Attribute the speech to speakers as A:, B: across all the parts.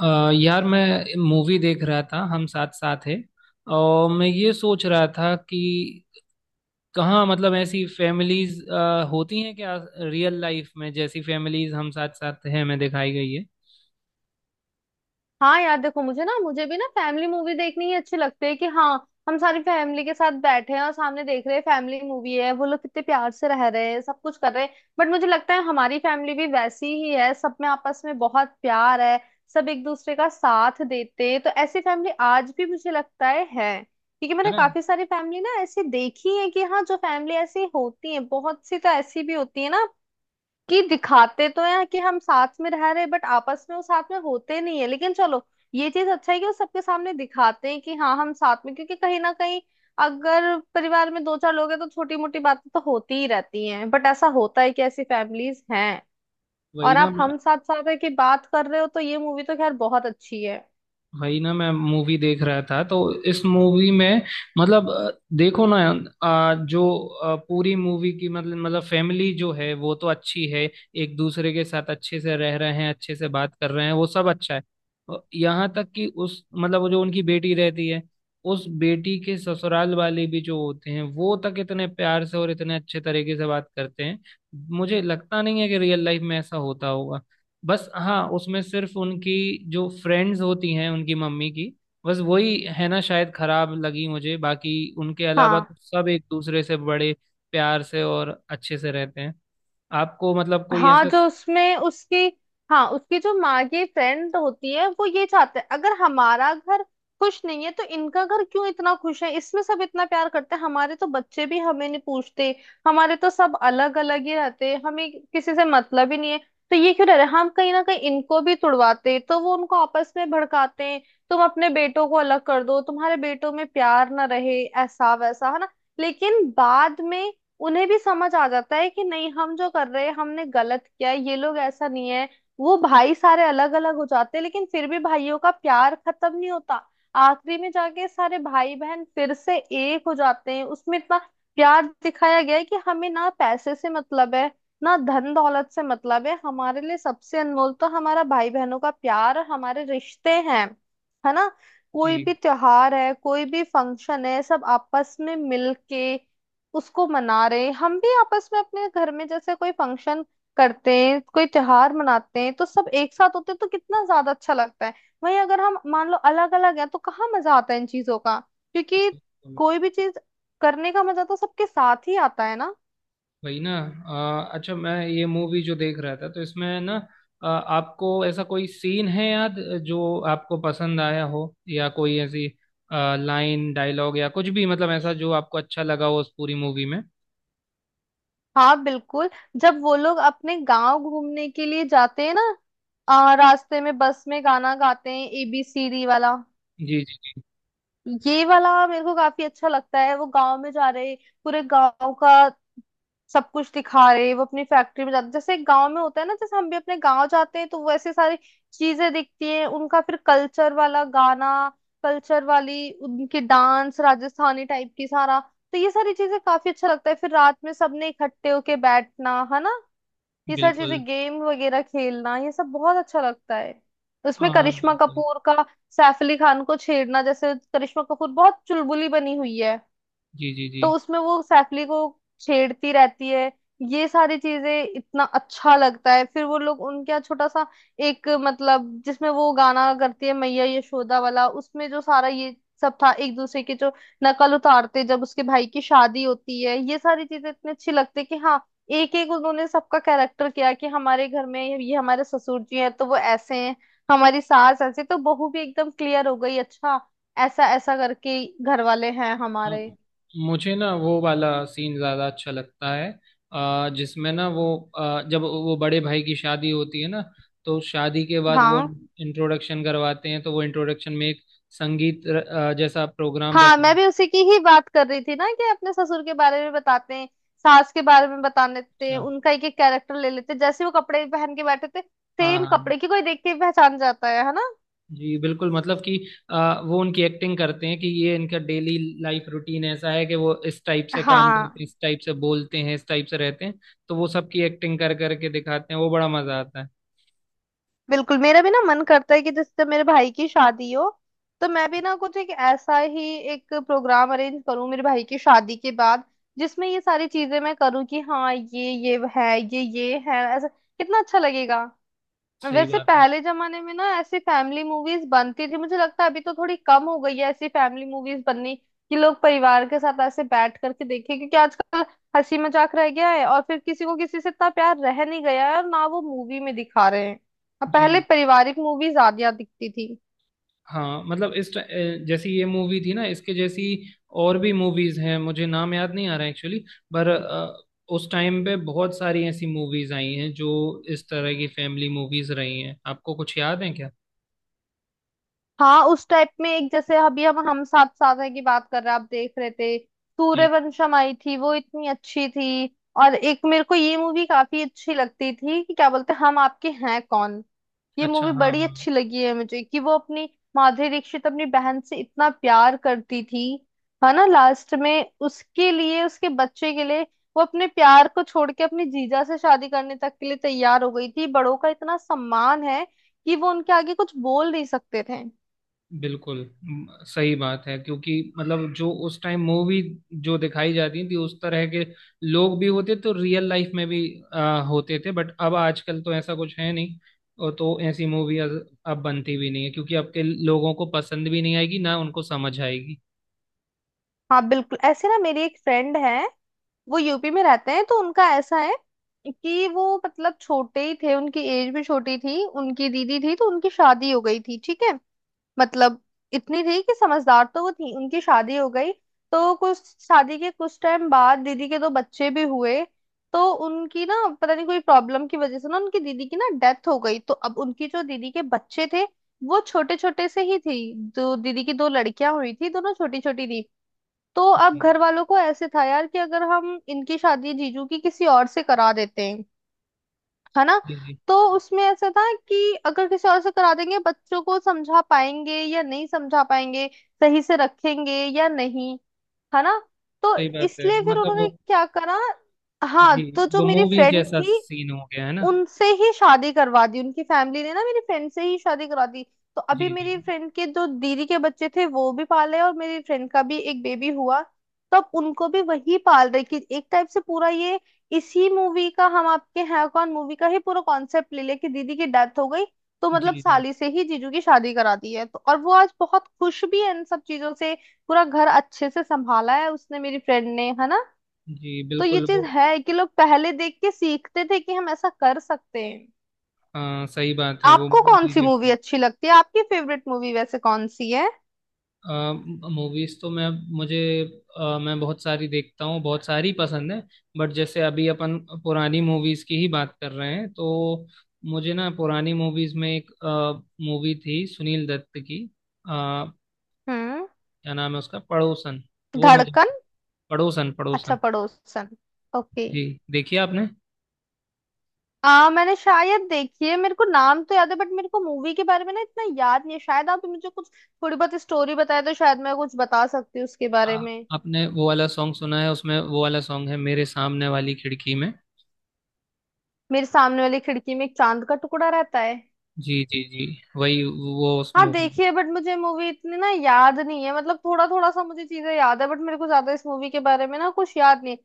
A: यार मैं मूवी देख रहा था हम साथ साथ है। और मैं ये सोच रहा था कि कहाँ मतलब ऐसी फैमिलीज होती हैं क्या। रियल लाइफ में जैसी फैमिलीज हम साथ साथ हैं में दिखाई गई है।
B: हाँ यार, देखो मुझे ना मुझे भी ना फैमिली मूवी देखनी ही अच्छी लगती है। कि हाँ हम सारी फैमिली के साथ बैठे हैं और सामने देख रहे हैं फैमिली मूवी है, वो लोग कितने प्यार से रह रहे हैं, सब कुछ कर रहे हैं। बट मुझे लगता है हमारी फैमिली भी वैसी ही है, सब में आपस में बहुत प्यार है। सब एक दूसरे का साथ देते हैं, तो ऐसी फैमिली आज भी मुझे लगता है है। क्योंकि
A: है
B: मैंने
A: ना।
B: काफी सारी फैमिली ना ऐसी देखी है कि हाँ जो फैमिली ऐसी होती है, बहुत सी तो ऐसी भी होती है ना, कि दिखाते तो हैं कि हम साथ में रह रहे हैं बट आपस में वो साथ में होते नहीं है। लेकिन चलो, ये चीज अच्छा है कि वो सबके सामने दिखाते हैं कि हाँ हम साथ में। क्योंकि कहीं ना कहीं अगर परिवार में दो चार लोग हैं तो छोटी मोटी बातें तो होती ही रहती हैं, बट ऐसा होता है कि ऐसी फैमिलीज हैं।
A: वही
B: और
A: ना।
B: आप हम साथ साथ है कि बात कर रहे हो, तो ये मूवी तो खैर बहुत अच्छी है।
A: भाई ना मैं मूवी देख रहा था तो इस मूवी में मतलब देखो ना। जो पूरी मूवी की मतलब फैमिली जो है वो तो अच्छी है। एक दूसरे के साथ अच्छे से रह रहे हैं अच्छे से बात कर रहे हैं वो सब अच्छा है। यहाँ तक कि उस मतलब वो जो उनकी बेटी रहती है उस बेटी के ससुराल वाले भी जो होते हैं वो तक इतने प्यार से और इतने अच्छे तरीके से बात करते हैं। मुझे लगता नहीं है कि रियल लाइफ में ऐसा होता होगा। बस हाँ उसमें सिर्फ उनकी जो फ्रेंड्स होती हैं उनकी मम्मी की बस वही है ना शायद खराब लगी मुझे। बाकी उनके अलावा तो
B: हाँ,
A: सब एक दूसरे से बड़े प्यार से और अच्छे से रहते हैं। आपको मतलब कोई
B: हाँ,
A: ऐसा।
B: जो उसमें उसकी, हाँ उसकी जो माँ की फ्रेंड होती है, वो ये चाहते हैं अगर हमारा घर खुश नहीं है तो इनका घर क्यों इतना खुश है। इसमें सब इतना प्यार करते हैं, हमारे तो बच्चे भी हमें नहीं पूछते, हमारे तो सब अलग अलग ही रहते हैं, हमें किसी से मतलब ही नहीं है। तो ये क्यों रह रहे हैं? हम कहीं ना कहीं इनको भी तुड़वाते हैं। तो वो उनको आपस में भड़काते हैं, तुम अपने बेटों को अलग कर दो, तुम्हारे बेटों में प्यार ना रहे, ऐसा वैसा, है ना। लेकिन बाद में उन्हें भी समझ आ जाता है कि नहीं, हम जो कर रहे हैं हमने गलत किया है, ये लोग ऐसा नहीं है। वो भाई सारे अलग अलग हो जाते हैं, लेकिन फिर भी भाइयों का प्यार खत्म नहीं होता। आखिरी में जाके सारे भाई बहन फिर से एक हो जाते हैं। उसमें इतना प्यार दिखाया गया है कि हमें ना पैसे से मतलब है ना धन दौलत से मतलब है, हमारे लिए सबसे अनमोल तो हमारा भाई बहनों का प्यार और हमारे रिश्ते हैं। है ना।
A: जी
B: कोई भी त्योहार है, कोई भी फंक्शन है, सब आपस में मिलके उसको मना रहे हैं। हम भी आपस में अपने घर में जैसे कोई फंक्शन करते हैं, कोई त्योहार मनाते हैं, तो सब एक साथ होते हैं, तो कितना ज्यादा अच्छा लगता है। वहीं अगर हम मान लो अलग अलग हैं तो कहाँ मजा आता है इन चीजों का, क्योंकि
A: बिल्कुल।
B: कोई भी चीज करने का मजा तो सबके साथ ही आता है ना।
A: वही ना। अच्छा मैं ये मूवी जो देख रहा था तो इसमें ना आपको ऐसा कोई सीन है याद जो आपको पसंद आया हो या कोई ऐसी लाइन डायलॉग या कुछ भी मतलब ऐसा जो आपको अच्छा लगा हो उस पूरी मूवी में।
B: हाँ बिल्कुल। जब वो लोग अपने गांव घूमने के लिए जाते हैं ना, रास्ते में बस में गाना गाते हैं एबीसीडी वाला,
A: जी
B: ये वाला मेरे को काफी अच्छा लगता है। वो गांव में जा रहे, पूरे गांव का सब कुछ दिखा रहे, वो अपनी फैक्ट्री में जाते, जैसे गांव में होता है ना, जैसे हम भी अपने गांव जाते हैं तो वैसे सारी चीजें दिखती हैं। उनका फिर कल्चर वाला गाना, कल्चर वाली उनके डांस, राजस्थानी टाइप की सारा, तो ये सारी चीजें काफी अच्छा लगता है। फिर रात में सबने इकट्ठे होके बैठना है ना, ये सारी
A: बिल्कुल।
B: चीजें गेम वगैरह खेलना, ये सब बहुत अच्छा लगता है। उसमें
A: हाँ
B: करिश्मा
A: बिल्कुल।
B: कपूर का सैफ अली खान को छेड़ना, जैसे करिश्मा कपूर बहुत चुलबुली बनी हुई है,
A: जी जी जी।
B: तो उसमें वो सैफली को छेड़ती रहती है। ये सारी चीजें इतना अच्छा लगता है। फिर वो लोग उनके यहाँ छोटा सा एक मतलब जिसमें वो गाना करती है मैया यशोदा वाला, उसमें जो सारा ये सब था, एक दूसरे की जो नकल उतारते जब उसके भाई की शादी होती है, ये सारी चीजें इतनी अच्छी लगती है कि हाँ, एक एक उन्होंने सबका कैरेक्टर किया कि हमारे घर में ये हमारे ससुर जी हैं तो वो ऐसे हैं, हमारी सास ऐसे, तो बहू भी एकदम क्लियर हो गई, अच्छा ऐसा ऐसा करके घर वाले हैं
A: अ,
B: हमारे।
A: मुझे ना वो वाला सीन ज़्यादा अच्छा लगता है। जिसमें ना वो जब वो बड़े भाई की शादी होती है ना तो शादी के बाद वो
B: हाँ,
A: इंट्रोडक्शन करवाते हैं तो वो इंट्रोडक्शन में एक संगीत र, जैसा प्रोग्राम
B: हाँ,
A: रख लेते
B: मैं
A: हैं।
B: भी उसी की ही बात कर रही थी ना, कि अपने ससुर के बारे में बताते हैं, सास के बारे में बता देते हैं,
A: अच्छा
B: उनका एक एक कैरेक्टर ले लेते हैं, जैसे वो कपड़े पहन के बैठे थे
A: हाँ
B: सेम
A: हाँ।
B: कपड़े की, कोई देख के ही पहचान जाता है ना।
A: जी बिल्कुल मतलब कि वो उनकी एक्टिंग करते हैं कि ये इनका डेली लाइफ रूटीन ऐसा है कि वो इस टाइप से काम करते
B: हाँ
A: हैं इस टाइप से बोलते हैं इस टाइप से रहते हैं। तो वो सबकी एक्टिंग कर करके दिखाते हैं वो बड़ा मजा आता है।
B: बिल्कुल, मेरा भी ना मन करता है कि जैसे मेरे भाई की शादी हो, तो मैं भी ना कुछ एक ऐसा ही एक प्रोग्राम अरेंज करूँ मेरे भाई की शादी के बाद, जिसमें ये सारी चीजें मैं करूँ कि हाँ ये है, ये है, ऐसा कितना अच्छा लगेगा।
A: सही
B: वैसे
A: बात है।
B: पहले जमाने में ना ऐसी फैमिली मूवीज बनती थी, मुझे लगता है अभी तो थोड़ी कम हो गई है ऐसी फैमिली मूवीज बननी, कि लोग परिवार के साथ ऐसे बैठ करके देखें। क्योंकि आजकल हंसी मजाक रह गया है और फिर किसी को किसी से इतना प्यार रह नहीं गया है और ना वो मूवी में दिखा रहे हैं। अब पहले
A: जी।
B: पारिवारिक मूवी ज्यादा दिखती थी।
A: हाँ मतलब जैसी ये मूवी थी ना इसके जैसी और भी मूवीज हैं मुझे नाम याद नहीं आ रहा एक्चुअली। पर उस टाइम पे बहुत सारी ऐसी मूवीज आई हैं जो इस तरह की फैमिली मूवीज रही हैं। आपको कुछ याद है क्या।
B: हाँ, उस टाइप में एक जैसे अभी हम साथ साथ है की बात कर रहे हैं, आप देख रहे थे,
A: जी।
B: सूर्यवंशम आई थी, वो इतनी अच्छी थी। और एक मेरे को ये मूवी काफी अच्छी लगती थी कि क्या बोलते हैं, हम आपके हैं कौन। ये
A: अच्छा
B: मूवी
A: हाँ
B: बड़ी
A: हाँ।
B: अच्छी लगी है मुझे, कि वो अपनी माधुरी दीक्षित अपनी बहन से इतना प्यार करती थी, है ना। लास्ट में उसके लिए, उसके बच्चे के लिए वो अपने प्यार को छोड़ के अपने जीजा से शादी करने तक के लिए तैयार हो गई थी। बड़ों का इतना सम्मान है कि वो उनके आगे कुछ बोल नहीं सकते थे।
A: बिल्कुल। सही बात है क्योंकि मतलब जो उस टाइम मूवी जो दिखाई जाती थी उस तरह के लोग भी होते तो रियल लाइफ में भी होते थे बट अब आजकल तो ऐसा कुछ है नहीं। और तो ऐसी मूवी अब बनती भी नहीं है क्योंकि अब के लोगों को पसंद भी नहीं आएगी ना उनको समझ आएगी।
B: हाँ बिल्कुल। ऐसे ना मेरी एक फ्रेंड है, वो यूपी में रहते हैं, तो उनका ऐसा है कि वो मतलब छोटे ही थे, उनकी एज भी छोटी थी, उनकी दीदी थी तो उनकी शादी हो गई थी, ठीक है। मतलब इतनी थी कि समझदार तो वो थी, उनकी शादी हो गई। तो कुछ शादी के कुछ टाइम बाद दीदी के दो बच्चे भी हुए। तो उनकी ना पता नहीं कोई प्रॉब्लम की वजह से ना उनकी दीदी की ना डेथ हो गई। तो अब उनकी जो दीदी के बच्चे थे वो छोटे छोटे से ही थी, जो दीदी की दो लड़कियां हुई थी दोनों छोटी छोटी थी। तो अब
A: जी
B: घर वालों को ऐसे था यार कि अगर हम इनकी शादी जीजू की किसी और से करा देते हैं, है ना,
A: जी जी,
B: तो उसमें ऐसा था कि अगर किसी और से करा देंगे, बच्चों को समझा पाएंगे या नहीं समझा पाएंगे, सही से रखेंगे या नहीं, है ना। तो
A: सही बात है
B: इसलिए फिर
A: मतलब वो।
B: उन्होंने क्या करा, हाँ,
A: जी
B: तो जो
A: वो
B: मेरी
A: मूवीज
B: फ्रेंड
A: जैसा
B: थी
A: सीन हो गया है ना।
B: उनसे ही शादी करवा दी, उनकी फैमिली ने ना मेरी फ्रेंड से ही शादी करा दी। तो अभी
A: जी जी।
B: मेरी फ्रेंड के जो दीदी के बच्चे थे वो भी पाले, और मेरी फ्रेंड का भी एक बेबी हुआ, तो अब उनको भी वही पाल रही, कि एक टाइप से पूरा ये इसी मूवी का, हम आपके हैं कौन मूवी का ही पूरा कॉन्सेप्ट ले ले कि दीदी की डेथ हो गई, तो
A: जी
B: मतलब
A: जी।
B: साली से ही जीजू की शादी करा दी है। तो और वो आज बहुत खुश भी है इन सब चीजों से, पूरा घर अच्छे से संभाला है उसने, मेरी फ्रेंड ने, है ना।
A: जी
B: तो ये
A: बिल्कुल वो।
B: चीज है कि लोग पहले देख के सीखते थे कि हम ऐसा कर सकते हैं।
A: हाँ सही बात है वो
B: आपको कौन
A: मूवी
B: सी मूवी
A: जैसे।
B: अच्छी लगती है, आपकी फेवरेट मूवी वैसे कौन सी है?
A: मूवीज तो मैं मुझे मैं बहुत सारी देखता हूँ बहुत सारी पसंद है। बट जैसे अभी अपन पुरानी मूवीज की ही बात कर रहे हैं तो मुझे ना पुरानी मूवीज में एक मूवी थी सुनील दत्त की। क्या
B: हम्म,
A: नाम है उसका। पड़ोसन। वो मुझे
B: धड़कन,
A: पड़ोसन
B: अच्छा
A: पड़ोसन
B: पड़ोसन, ओके।
A: जी। देखिए आपने
B: आ, मैंने शायद देखी है, मेरे को नाम तो याद है बट मेरे को मूवी के बारे में ना इतना याद नहीं है। शायद आप मुझे कुछ थोड़ी बहुत स्टोरी बताए तो शायद मैं कुछ बता सकती हूँ उसके बारे
A: आ,
B: में।
A: आपने वो वाला सॉन्ग सुना है उसमें वो वाला सॉन्ग है मेरे सामने वाली खिड़की में।
B: मेरे सामने वाली खिड़की में एक चांद का टुकड़ा रहता है।
A: जी जी जी। वही वो उस
B: हाँ
A: मूवी।
B: देखी है, बट मुझे मूवी इतनी ना याद नहीं है, मतलब थोड़ा थोड़ा सा मुझे चीजें याद है, बट मेरे को ज्यादा इस मूवी के बारे में ना कुछ याद नहीं है।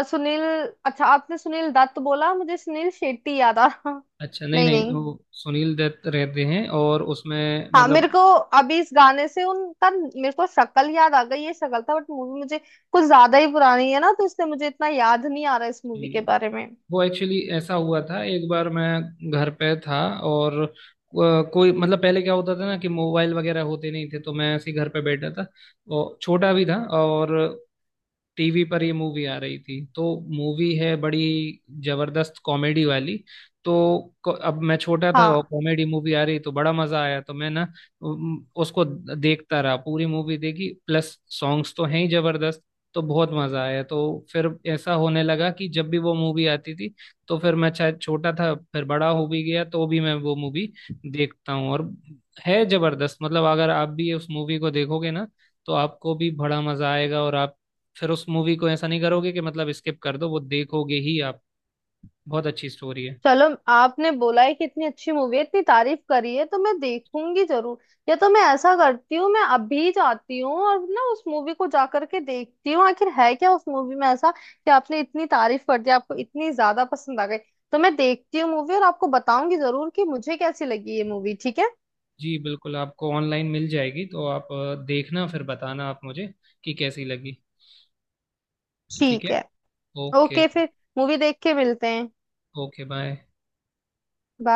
B: सुनील, अच्छा आपने सुनील दत्त बोला, मुझे सुनील शेट्टी याद आ रहा।
A: अच्छा नहीं
B: नहीं
A: नहीं
B: नहीं,
A: वो सुनील दत्त रहते हैं और उसमें
B: हाँ मेरे
A: मतलब।
B: को अभी इस गाने से उनका मेरे को शक्ल याद आ गई, ये शक्ल था, बट मूवी मुझे कुछ ज्यादा ही पुरानी है ना तो इसलिए मुझे इतना याद नहीं आ रहा इस मूवी के
A: जी,
B: बारे में।
A: वो एक्चुअली ऐसा हुआ था। एक बार मैं घर पे था और कोई मतलब पहले क्या होता था ना कि मोबाइल वगैरह होते नहीं थे तो मैं ऐसे ही घर पे बैठा था और छोटा भी था। और टीवी पर ये मूवी आ रही थी तो मूवी है बड़ी जबरदस्त कॉमेडी वाली। तो अब मैं छोटा था और
B: हाँ
A: कॉमेडी मूवी आ रही तो बड़ा मजा आया तो मैं ना उसको देखता रहा। पूरी मूवी देखी प्लस सॉन्ग्स तो हैं ही जबरदस्त। तो बहुत मजा आया। तो फिर ऐसा होने लगा कि जब भी वो मूवी आती थी तो फिर मैं शायद छोटा था फिर बड़ा हो भी गया तो भी मैं वो मूवी देखता हूँ। और है जबरदस्त। मतलब अगर आप भी उस मूवी को देखोगे ना तो आपको भी बड़ा मजा आएगा और आप फिर उस मूवी को ऐसा नहीं करोगे कि मतलब स्किप कर दो वो देखोगे ही आप। बहुत अच्छी स्टोरी है।
B: चलो, आपने बोला है कि इतनी अच्छी मूवी है, इतनी तारीफ करी है, तो मैं देखूंगी जरूर। या तो मैं ऐसा करती हूँ, मैं अभी जाती हूँ और ना उस मूवी को जा करके देखती हूँ, आखिर है क्या उस मूवी में ऐसा कि आपने इतनी तारीफ कर दी, आपको इतनी ज्यादा पसंद आ गई। तो मैं देखती हूँ मूवी और आपको बताऊंगी जरूर कि मुझे कैसी लगी ये मूवी, ठीक है।
A: जी बिल्कुल। आपको ऑनलाइन मिल जाएगी तो आप देखना फिर बताना आप मुझे कि कैसी लगी। ठीक
B: ठीक
A: है।
B: है,
A: ओके।
B: ओके। फिर मूवी देख के मिलते हैं।
A: Okay bye.
B: Bye.